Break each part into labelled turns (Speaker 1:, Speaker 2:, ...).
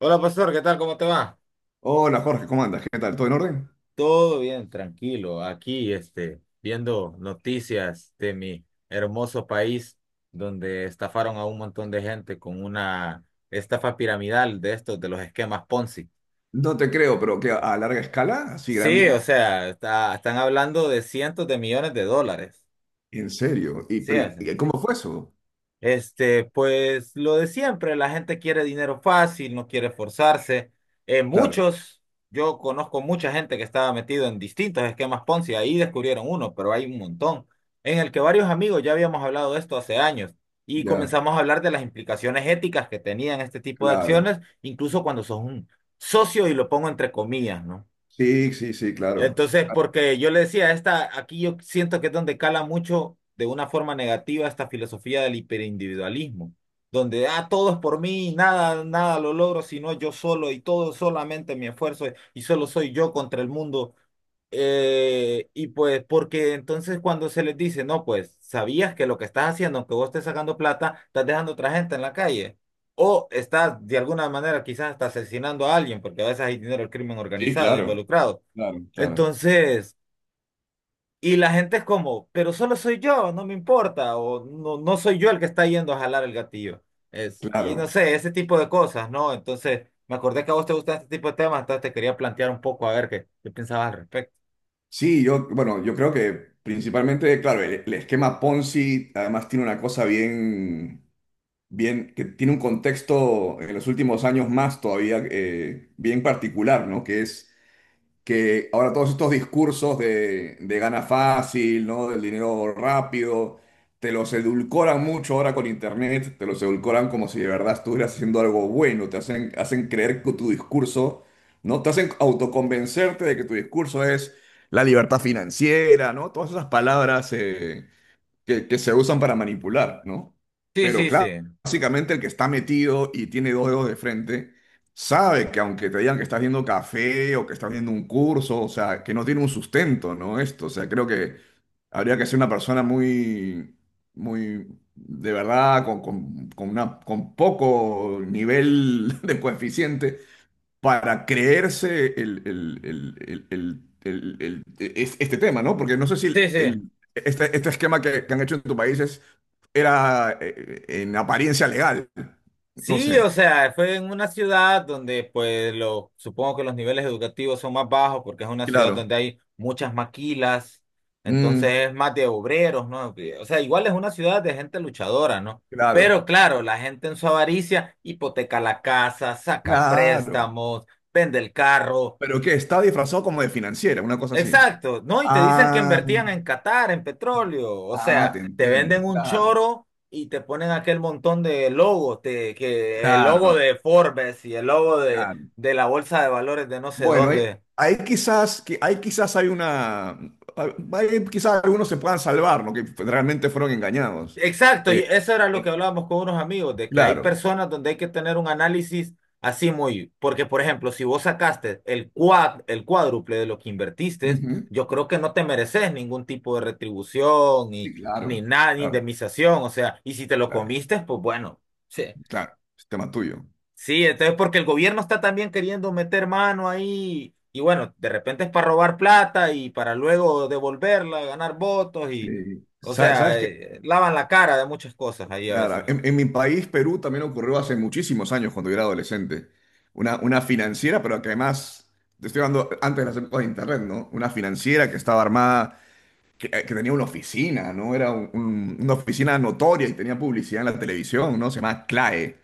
Speaker 1: Hola, pastor, ¿qué tal? ¿Cómo te va?
Speaker 2: Hola Jorge, ¿cómo andas? ¿Qué tal? ¿Todo en orden?
Speaker 1: Todo bien, tranquilo. Aquí, viendo noticias de mi hermoso país, donde estafaron a un montón de gente con una estafa piramidal de estos, de los esquemas Ponzi.
Speaker 2: No te creo, pero que a larga escala, así
Speaker 1: Sí,
Speaker 2: grande,
Speaker 1: o sea, están hablando de cientos de millones de dólares.
Speaker 2: en serio. Y
Speaker 1: Sí.
Speaker 2: pero, ¿y cómo fue eso?
Speaker 1: Pues lo de siempre, la gente quiere dinero fácil, no quiere esforzarse. Eh,
Speaker 2: Claro,
Speaker 1: muchos, yo conozco mucha gente que estaba metido en distintos esquemas Ponzi, ahí descubrieron uno, pero hay un montón en el que varios amigos ya habíamos hablado de esto hace años, y
Speaker 2: ya,
Speaker 1: comenzamos a hablar de las implicaciones éticas que tenían este tipo de
Speaker 2: claro.
Speaker 1: acciones, incluso cuando sos un socio, y lo pongo entre comillas, ¿no?
Speaker 2: Sí, sí, sí, claro.
Speaker 1: Entonces,
Speaker 2: Ah,
Speaker 1: porque yo le decía, aquí yo siento que es donde cala mucho de una forma negativa esta filosofía del hiperindividualismo, donde todo es por mí, nada lo logro, sino yo solo, y todo solamente mi esfuerzo, y solo soy yo contra el mundo. Pues, porque entonces cuando se les dice, no, pues, sabías que lo que estás haciendo, aunque vos estés sacando plata, estás dejando a otra gente en la calle. O estás de alguna manera quizás hasta asesinando a alguien, porque a veces hay dinero del crimen
Speaker 2: sí,
Speaker 1: organizado
Speaker 2: claro,
Speaker 1: involucrado.
Speaker 2: claro, claro,
Speaker 1: Entonces, y la gente es como, pero solo soy yo, no me importa, o no, no soy yo el que está yendo a jalar el gatillo. Es, y no
Speaker 2: claro.
Speaker 1: sé, ese tipo de cosas, ¿no? Entonces, me acordé que a vos te gustan este tipo de temas, entonces te quería plantear un poco a ver qué pensabas al respecto.
Speaker 2: Sí, yo, bueno, yo creo que principalmente, claro, el esquema Ponzi además tiene una cosa bien, bien, que tiene un contexto en los últimos años más todavía bien particular, ¿no? Que es que ahora todos estos discursos de gana fácil, ¿no? Del dinero rápido, te los edulcoran mucho ahora con internet, te los edulcoran como si de verdad estuvieras haciendo algo bueno, te hacen creer que tu discurso, ¿no? Te hacen autoconvencerte de que tu discurso es la libertad financiera, ¿no? Todas esas palabras que se usan para manipular, ¿no?
Speaker 1: Sí,
Speaker 2: Pero
Speaker 1: sí, sí.
Speaker 2: claro, básicamente el que está metido y tiene dos dedos de frente, sabe que aunque te digan que estás viendo café o que estás viendo un curso, o sea, que no tiene un sustento, ¿no? Esto, o sea, creo que habría que ser una persona muy, muy, de verdad, con poco nivel de coeficiente para creerse este tema, ¿no? Porque no sé si
Speaker 1: Sí, sí.
Speaker 2: este esquema que han hecho en tu país era en apariencia legal. No
Speaker 1: Sí,
Speaker 2: sé.
Speaker 1: o sea, fue en una ciudad donde, pues, lo, supongo que los niveles educativos son más bajos porque es una ciudad
Speaker 2: Claro.
Speaker 1: donde hay muchas maquilas,
Speaker 2: Mm,
Speaker 1: entonces es más de obreros, ¿no? O sea, igual es una ciudad de gente luchadora, ¿no?
Speaker 2: claro.
Speaker 1: Pero claro, la gente en su avaricia hipoteca la casa, saca
Speaker 2: Claro.
Speaker 1: préstamos, vende el carro.
Speaker 2: Pero que está disfrazado como de financiera, una cosa así.
Speaker 1: Exacto, ¿no? Y te dicen que
Speaker 2: Ah,
Speaker 1: invertían en Qatar, en petróleo, o
Speaker 2: ah, te
Speaker 1: sea, te
Speaker 2: entiendo.
Speaker 1: venden un
Speaker 2: Claro,
Speaker 1: choro y te ponen aquel montón de logos, que el logo
Speaker 2: claro,
Speaker 1: de Forbes y el logo
Speaker 2: claro.
Speaker 1: de la bolsa de valores de no sé
Speaker 2: Bueno, hay,
Speaker 1: dónde.
Speaker 2: hay quizás, que hay quizás hay una, hay quizás algunos se puedan salvar, ¿no? Que realmente fueron engañados.
Speaker 1: Exacto, y
Speaker 2: Eh,
Speaker 1: eso era lo que
Speaker 2: eh,
Speaker 1: hablábamos con unos amigos, de que hay
Speaker 2: claro.
Speaker 1: personas donde hay que tener un análisis así muy, porque por ejemplo, si vos sacaste el cuádruple de lo que invertiste,
Speaker 2: Ujú.
Speaker 1: yo creo que no te mereces ningún tipo de retribución
Speaker 2: Sí,
Speaker 1: ni, ni
Speaker 2: claro,
Speaker 1: nada, ni
Speaker 2: claro,
Speaker 1: indemnización, o sea, y si te lo
Speaker 2: claro,
Speaker 1: comiste, pues bueno. Sí.
Speaker 2: claro. Es tema tuyo.
Speaker 1: Sí, entonces porque el gobierno está también queriendo meter mano ahí, y bueno, de repente es para robar plata y para luego devolverla, ganar votos y,
Speaker 2: Sí.
Speaker 1: o
Speaker 2: ¿Sabes
Speaker 1: sea,
Speaker 2: qué?
Speaker 1: lavan la cara de muchas cosas ahí a
Speaker 2: Claro,
Speaker 1: veces,
Speaker 2: en mi país, Perú, también ocurrió hace muchísimos años cuando yo era adolescente. Una financiera, pero que además, te estoy hablando antes de las épocas de Internet, ¿no? Una financiera que estaba armada que tenía una oficina, ¿no? Era una oficina notoria y tenía publicidad en la televisión, ¿no? Se llama CLAE.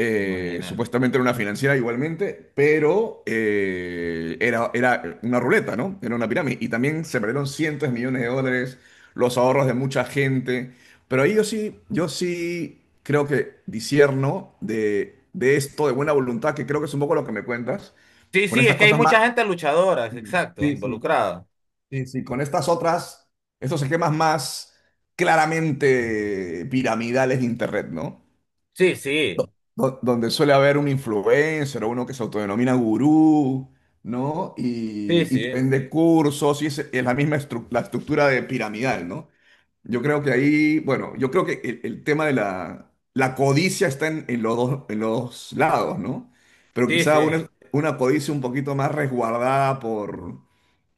Speaker 1: imagínate.
Speaker 2: Supuestamente era una financiera igualmente, pero era una ruleta, ¿no? Era una pirámide. Y también se perdieron cientos de millones de dólares, los ahorros de mucha gente. Pero ahí yo sí creo que disierno de esto, de buena voluntad, que creo que es un poco lo que me cuentas,
Speaker 1: Sí,
Speaker 2: con
Speaker 1: sí, es
Speaker 2: estas
Speaker 1: que hay
Speaker 2: cosas más.
Speaker 1: mucha gente luchadora, es exacto,
Speaker 2: Sí, sí.
Speaker 1: involucrada.
Speaker 2: Sí, sí, con estas otras, estos esquemas más claramente piramidales de Internet, ¿no?
Speaker 1: Sí, sí,
Speaker 2: Donde suele haber un influencer o uno que se autodenomina gurú, ¿no?
Speaker 1: sí,
Speaker 2: Y te
Speaker 1: sí,
Speaker 2: vende cursos y es la misma estru- la estructura de piramidal, ¿no? Yo creo que ahí, bueno, yo creo que el tema de la codicia está en los dos, en los lados, ¿no? Pero
Speaker 1: sí, sí,
Speaker 2: quizá una codicia un poquito más resguardada por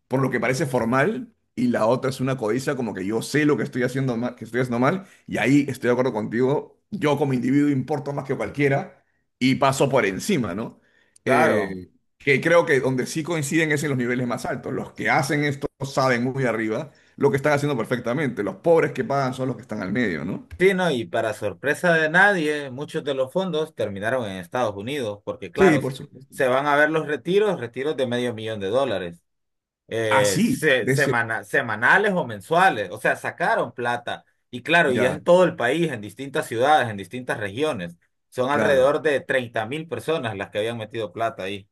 Speaker 2: lo que parece formal, y la otra es una codicia como que yo sé lo que estoy haciendo mal, que estoy haciendo mal, y ahí estoy de acuerdo contigo, yo como individuo importo más que cualquiera y paso por encima, ¿no?
Speaker 1: claro.
Speaker 2: Eh, que creo que donde sí coinciden es en los niveles más altos. Los que hacen esto saben muy arriba lo que están haciendo perfectamente. Los pobres que pagan son los que están al medio, ¿no?
Speaker 1: Sí, no, y para sorpresa de nadie, muchos de los fondos terminaron en Estados Unidos, porque
Speaker 2: Sí,
Speaker 1: claro,
Speaker 2: por supuesto.
Speaker 1: se van a ver los retiros, retiros de medio millón de dólares.
Speaker 2: Así, de ese.
Speaker 1: Semanales o mensuales, o sea, sacaron plata. Y claro, y es
Speaker 2: Ya,
Speaker 1: en todo el país, en distintas ciudades, en distintas regiones. Son
Speaker 2: claro.
Speaker 1: alrededor de 30.000 personas las que habían metido plata ahí.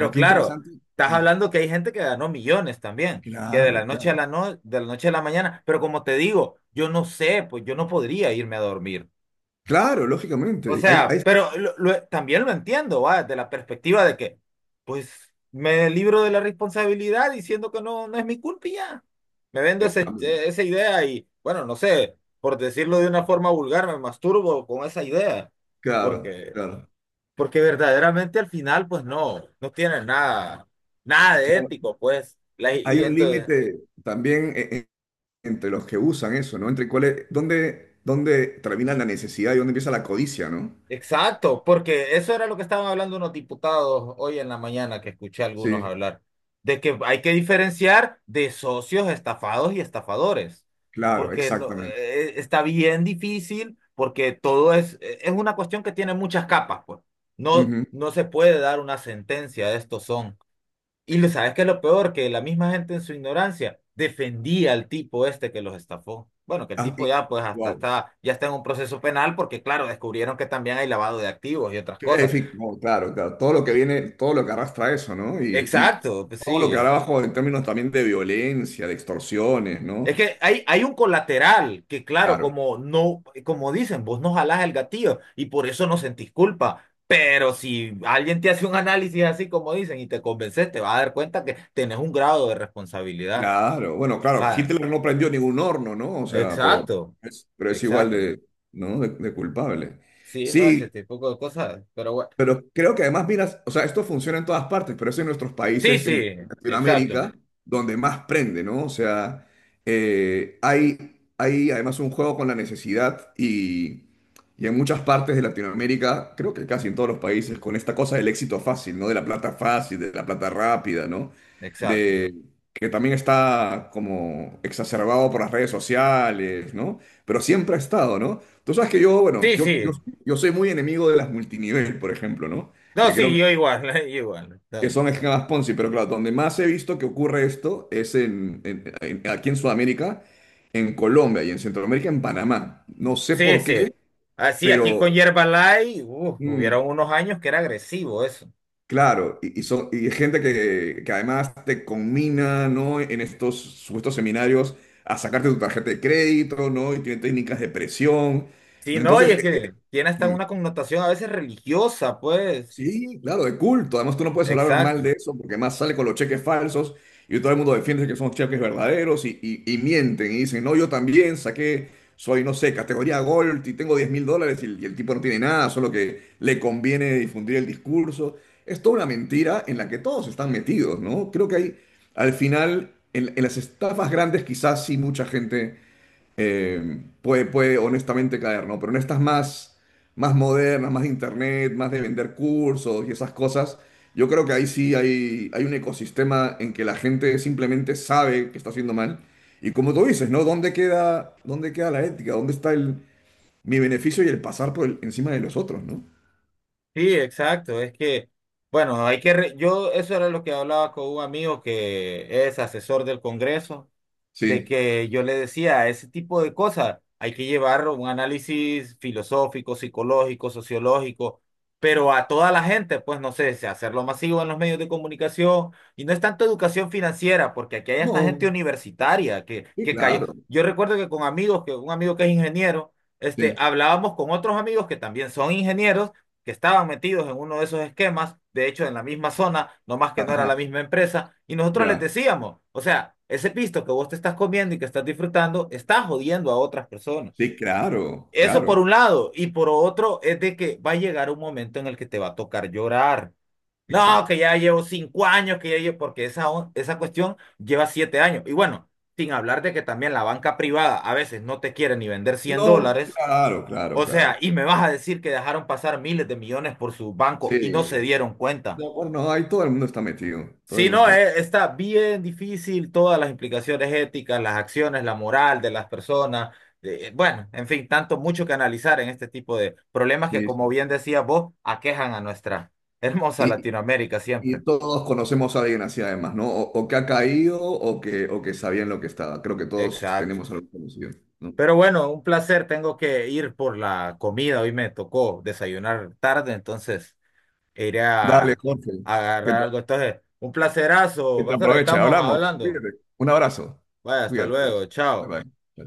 Speaker 2: Oh, qué
Speaker 1: claro,
Speaker 2: interesante.
Speaker 1: estás
Speaker 2: Mm,
Speaker 1: hablando que hay gente que ganó millones también, que de la
Speaker 2: claro,
Speaker 1: noche a
Speaker 2: claro.
Speaker 1: la no- de la noche a la mañana, pero como te digo, yo no sé, pues yo no podría irme a dormir.
Speaker 2: Claro,
Speaker 1: O
Speaker 2: lógicamente. Ahí
Speaker 1: sea, pero también lo entiendo, ¿va? Desde la perspectiva de que, pues, me libro de la responsabilidad diciendo que no, no es mi culpa y ya. Me vendo
Speaker 2: está.
Speaker 1: esa idea y, bueno, no sé, por decirlo de una forma vulgar, me masturbo con esa idea.
Speaker 2: Claro,
Speaker 1: Porque,
Speaker 2: claro,
Speaker 1: porque verdaderamente al final, pues no, no tiene nada de
Speaker 2: claro.
Speaker 1: ético, pues. La,
Speaker 2: Hay
Speaker 1: y
Speaker 2: un
Speaker 1: entonces,
Speaker 2: límite también entre los que usan eso, ¿no? Entre cuáles, dónde, termina la necesidad y dónde empieza la codicia, ¿no?
Speaker 1: exacto, porque eso era lo que estaban hablando unos diputados hoy en la mañana que escuché a algunos
Speaker 2: Sí,
Speaker 1: hablar, de que hay que diferenciar de socios estafados y estafadores,
Speaker 2: claro,
Speaker 1: porque no,
Speaker 2: exactamente.
Speaker 1: está bien difícil, porque todo es una cuestión que tiene muchas capas, pues. No,
Speaker 2: Ujú.
Speaker 1: se puede dar una sentencia de estos son. Y lo sabes que es lo peor, que la misma gente en su ignorancia defendía al tipo este que los estafó. Bueno, que el
Speaker 2: Ah,
Speaker 1: tipo ya pues hasta
Speaker 2: wow.
Speaker 1: está, ya está en un proceso penal porque claro, descubrieron que también hay lavado de activos y otras
Speaker 2: En
Speaker 1: cosas.
Speaker 2: fin, no, claro, claro. Todo lo que viene, todo lo que arrastra eso, ¿no? Y
Speaker 1: Exacto, pues
Speaker 2: todo lo que
Speaker 1: sí.
Speaker 2: habrá abajo en términos también de violencia, de extorsiones,
Speaker 1: Es
Speaker 2: ¿no?
Speaker 1: que hay un colateral que claro,
Speaker 2: Claro.
Speaker 1: como no, como dicen, vos no jalás el gatillo y por eso no sentís culpa. Pero si alguien te hace un análisis así como dicen y te convences, te vas a dar cuenta que tenés un grado de responsabilidad.
Speaker 2: Claro, bueno, claro,
Speaker 1: Ah,
Speaker 2: Hitler no prendió ningún horno, ¿no? O sea, pero
Speaker 1: exacto,
Speaker 2: es, pero es igual
Speaker 1: exacto.
Speaker 2: de, ¿no? de culpable.
Speaker 1: Sí, no, ese
Speaker 2: Sí,
Speaker 1: tipo de cosas, pero bueno.
Speaker 2: pero creo que además, mira, o sea, esto funciona en todas partes, pero es en nuestros
Speaker 1: Sí,
Speaker 2: países,
Speaker 1: sí,
Speaker 2: en
Speaker 1: exacto,
Speaker 2: Latinoamérica, donde más prende, ¿no? O sea, hay además un juego con la necesidad y en muchas partes de Latinoamérica, creo que casi en todos los países, con esta cosa del éxito fácil, ¿no? De la plata fácil, de la plata rápida, ¿no?
Speaker 1: exacto.
Speaker 2: De, que también está como exacerbado por las redes sociales, ¿no? Pero siempre ha estado, ¿no? Tú sabes que yo, bueno,
Speaker 1: Sí,
Speaker 2: yo, yo
Speaker 1: sí.
Speaker 2: yo soy muy enemigo de las multinivel, por ejemplo, ¿no?
Speaker 1: No,
Speaker 2: Que
Speaker 1: sí,
Speaker 2: creo
Speaker 1: yo igual, yo igual.
Speaker 2: que
Speaker 1: No.
Speaker 2: son esquemas Ponzi, pero claro, donde más he visto que ocurre esto es aquí en Sudamérica, en Colombia y en Centroamérica, en Panamá. No sé
Speaker 1: Sí,
Speaker 2: por
Speaker 1: sí.
Speaker 2: qué,
Speaker 1: Así, aquí con
Speaker 2: pero
Speaker 1: Yerbalay, uf,
Speaker 2: mm,
Speaker 1: hubieron unos años que era agresivo eso.
Speaker 2: claro, y, y gente que además te conmina, ¿no? En estos supuestos seminarios a sacarte tu tarjeta de crédito, ¿no? Y tiene técnicas de presión.
Speaker 1: Sí, no, y
Speaker 2: Entonces,
Speaker 1: es que tiene hasta
Speaker 2: mm,
Speaker 1: una connotación a veces religiosa, pues.
Speaker 2: sí, claro, de culto. Además, tú no puedes hablar mal
Speaker 1: Exacto.
Speaker 2: de eso porque más sale con los cheques falsos y todo el mundo defiende que son cheques verdaderos y mienten y dicen, no, yo también saqué, soy, no sé, categoría Gold y tengo 10.000 dólares y el tipo no tiene nada, solo que le conviene difundir el discurso. Es toda una mentira en la que todos están metidos, ¿no? Creo que hay, al final, en las estafas grandes quizás sí mucha gente puede honestamente caer, ¿no? Pero en estas más modernas, más de internet, más de vender cursos y esas cosas, yo creo que ahí sí hay un ecosistema en que la gente simplemente sabe que está haciendo mal. Y como tú dices, ¿no? ¿Dónde queda la ética? ¿Dónde está mi beneficio y el pasar por encima de los otros, ¿no?
Speaker 1: Sí, exacto. Es que, bueno, hay que, eso era lo que hablaba con un amigo que es asesor del Congreso. De
Speaker 2: Sí.
Speaker 1: que yo le decía, ese tipo de cosas hay que llevar un análisis filosófico, psicológico, sociológico, pero a toda la gente, pues no sé, si hacerlo masivo en los medios de comunicación y no es tanto educación financiera, porque aquí hay esta gente
Speaker 2: No,
Speaker 1: universitaria
Speaker 2: sí,
Speaker 1: que cayó.
Speaker 2: claro.
Speaker 1: Yo recuerdo que con amigos, que un amigo que es ingeniero,
Speaker 2: Sí.
Speaker 1: hablábamos con otros amigos que también son ingenieros que estaban metidos en uno de esos esquemas, de hecho en la misma zona, no más que no era
Speaker 2: Ajá,
Speaker 1: la misma empresa, y nosotros les
Speaker 2: ya.
Speaker 1: decíamos, o sea, ese pisto que vos te estás comiendo y que estás disfrutando, está jodiendo a otras personas.
Speaker 2: Sí, claro,
Speaker 1: Eso por
Speaker 2: claro.
Speaker 1: un lado, y por otro es de que va a llegar un momento en el que te va a tocar llorar. No,
Speaker 2: Exacto.
Speaker 1: que ya llevo 5 años, que ya llevo, porque esa cuestión lleva 7 años. Y bueno, sin hablar de que también la banca privada a veces no te quiere ni vender cien
Speaker 2: No,
Speaker 1: dólares
Speaker 2: claro, claro,
Speaker 1: o
Speaker 2: claro.
Speaker 1: sea, y me vas a decir que dejaron pasar miles de millones por su banco
Speaker 2: Sí,
Speaker 1: y no se dieron cuenta.
Speaker 2: no, acuerdo, no, ahí todo el mundo está metido, todo el
Speaker 1: Sí,
Speaker 2: mundo
Speaker 1: no,
Speaker 2: está metido.
Speaker 1: está bien difícil todas las implicaciones éticas, las acciones, la moral de las personas. Bueno, en fin, tanto mucho que analizar en este tipo de problemas que,
Speaker 2: Sí,
Speaker 1: como
Speaker 2: sí.
Speaker 1: bien decías vos, aquejan a nuestra hermosa
Speaker 2: Y,
Speaker 1: Latinoamérica
Speaker 2: y
Speaker 1: siempre.
Speaker 2: todos conocemos a alguien así además, ¿no? O que ha caído o o que sabían lo que estaba. Creo que todos
Speaker 1: Exacto.
Speaker 2: tenemos algo conocido, ¿no?
Speaker 1: Pero bueno, un placer. Tengo que ir por la comida. Hoy me tocó desayunar tarde, entonces
Speaker 2: Dale,
Speaker 1: era
Speaker 2: Jorge, que
Speaker 1: agarrar
Speaker 2: te,
Speaker 1: algo. Entonces, un placerazo,
Speaker 2: que te
Speaker 1: pastor, ahí
Speaker 2: aproveche.
Speaker 1: estamos
Speaker 2: Hablamos.
Speaker 1: hablando.
Speaker 2: Cuídate. Un abrazo.
Speaker 1: Vaya, hasta
Speaker 2: Cuídate,
Speaker 1: luego,
Speaker 2: adiós. Bye
Speaker 1: chao.
Speaker 2: bye. Chao.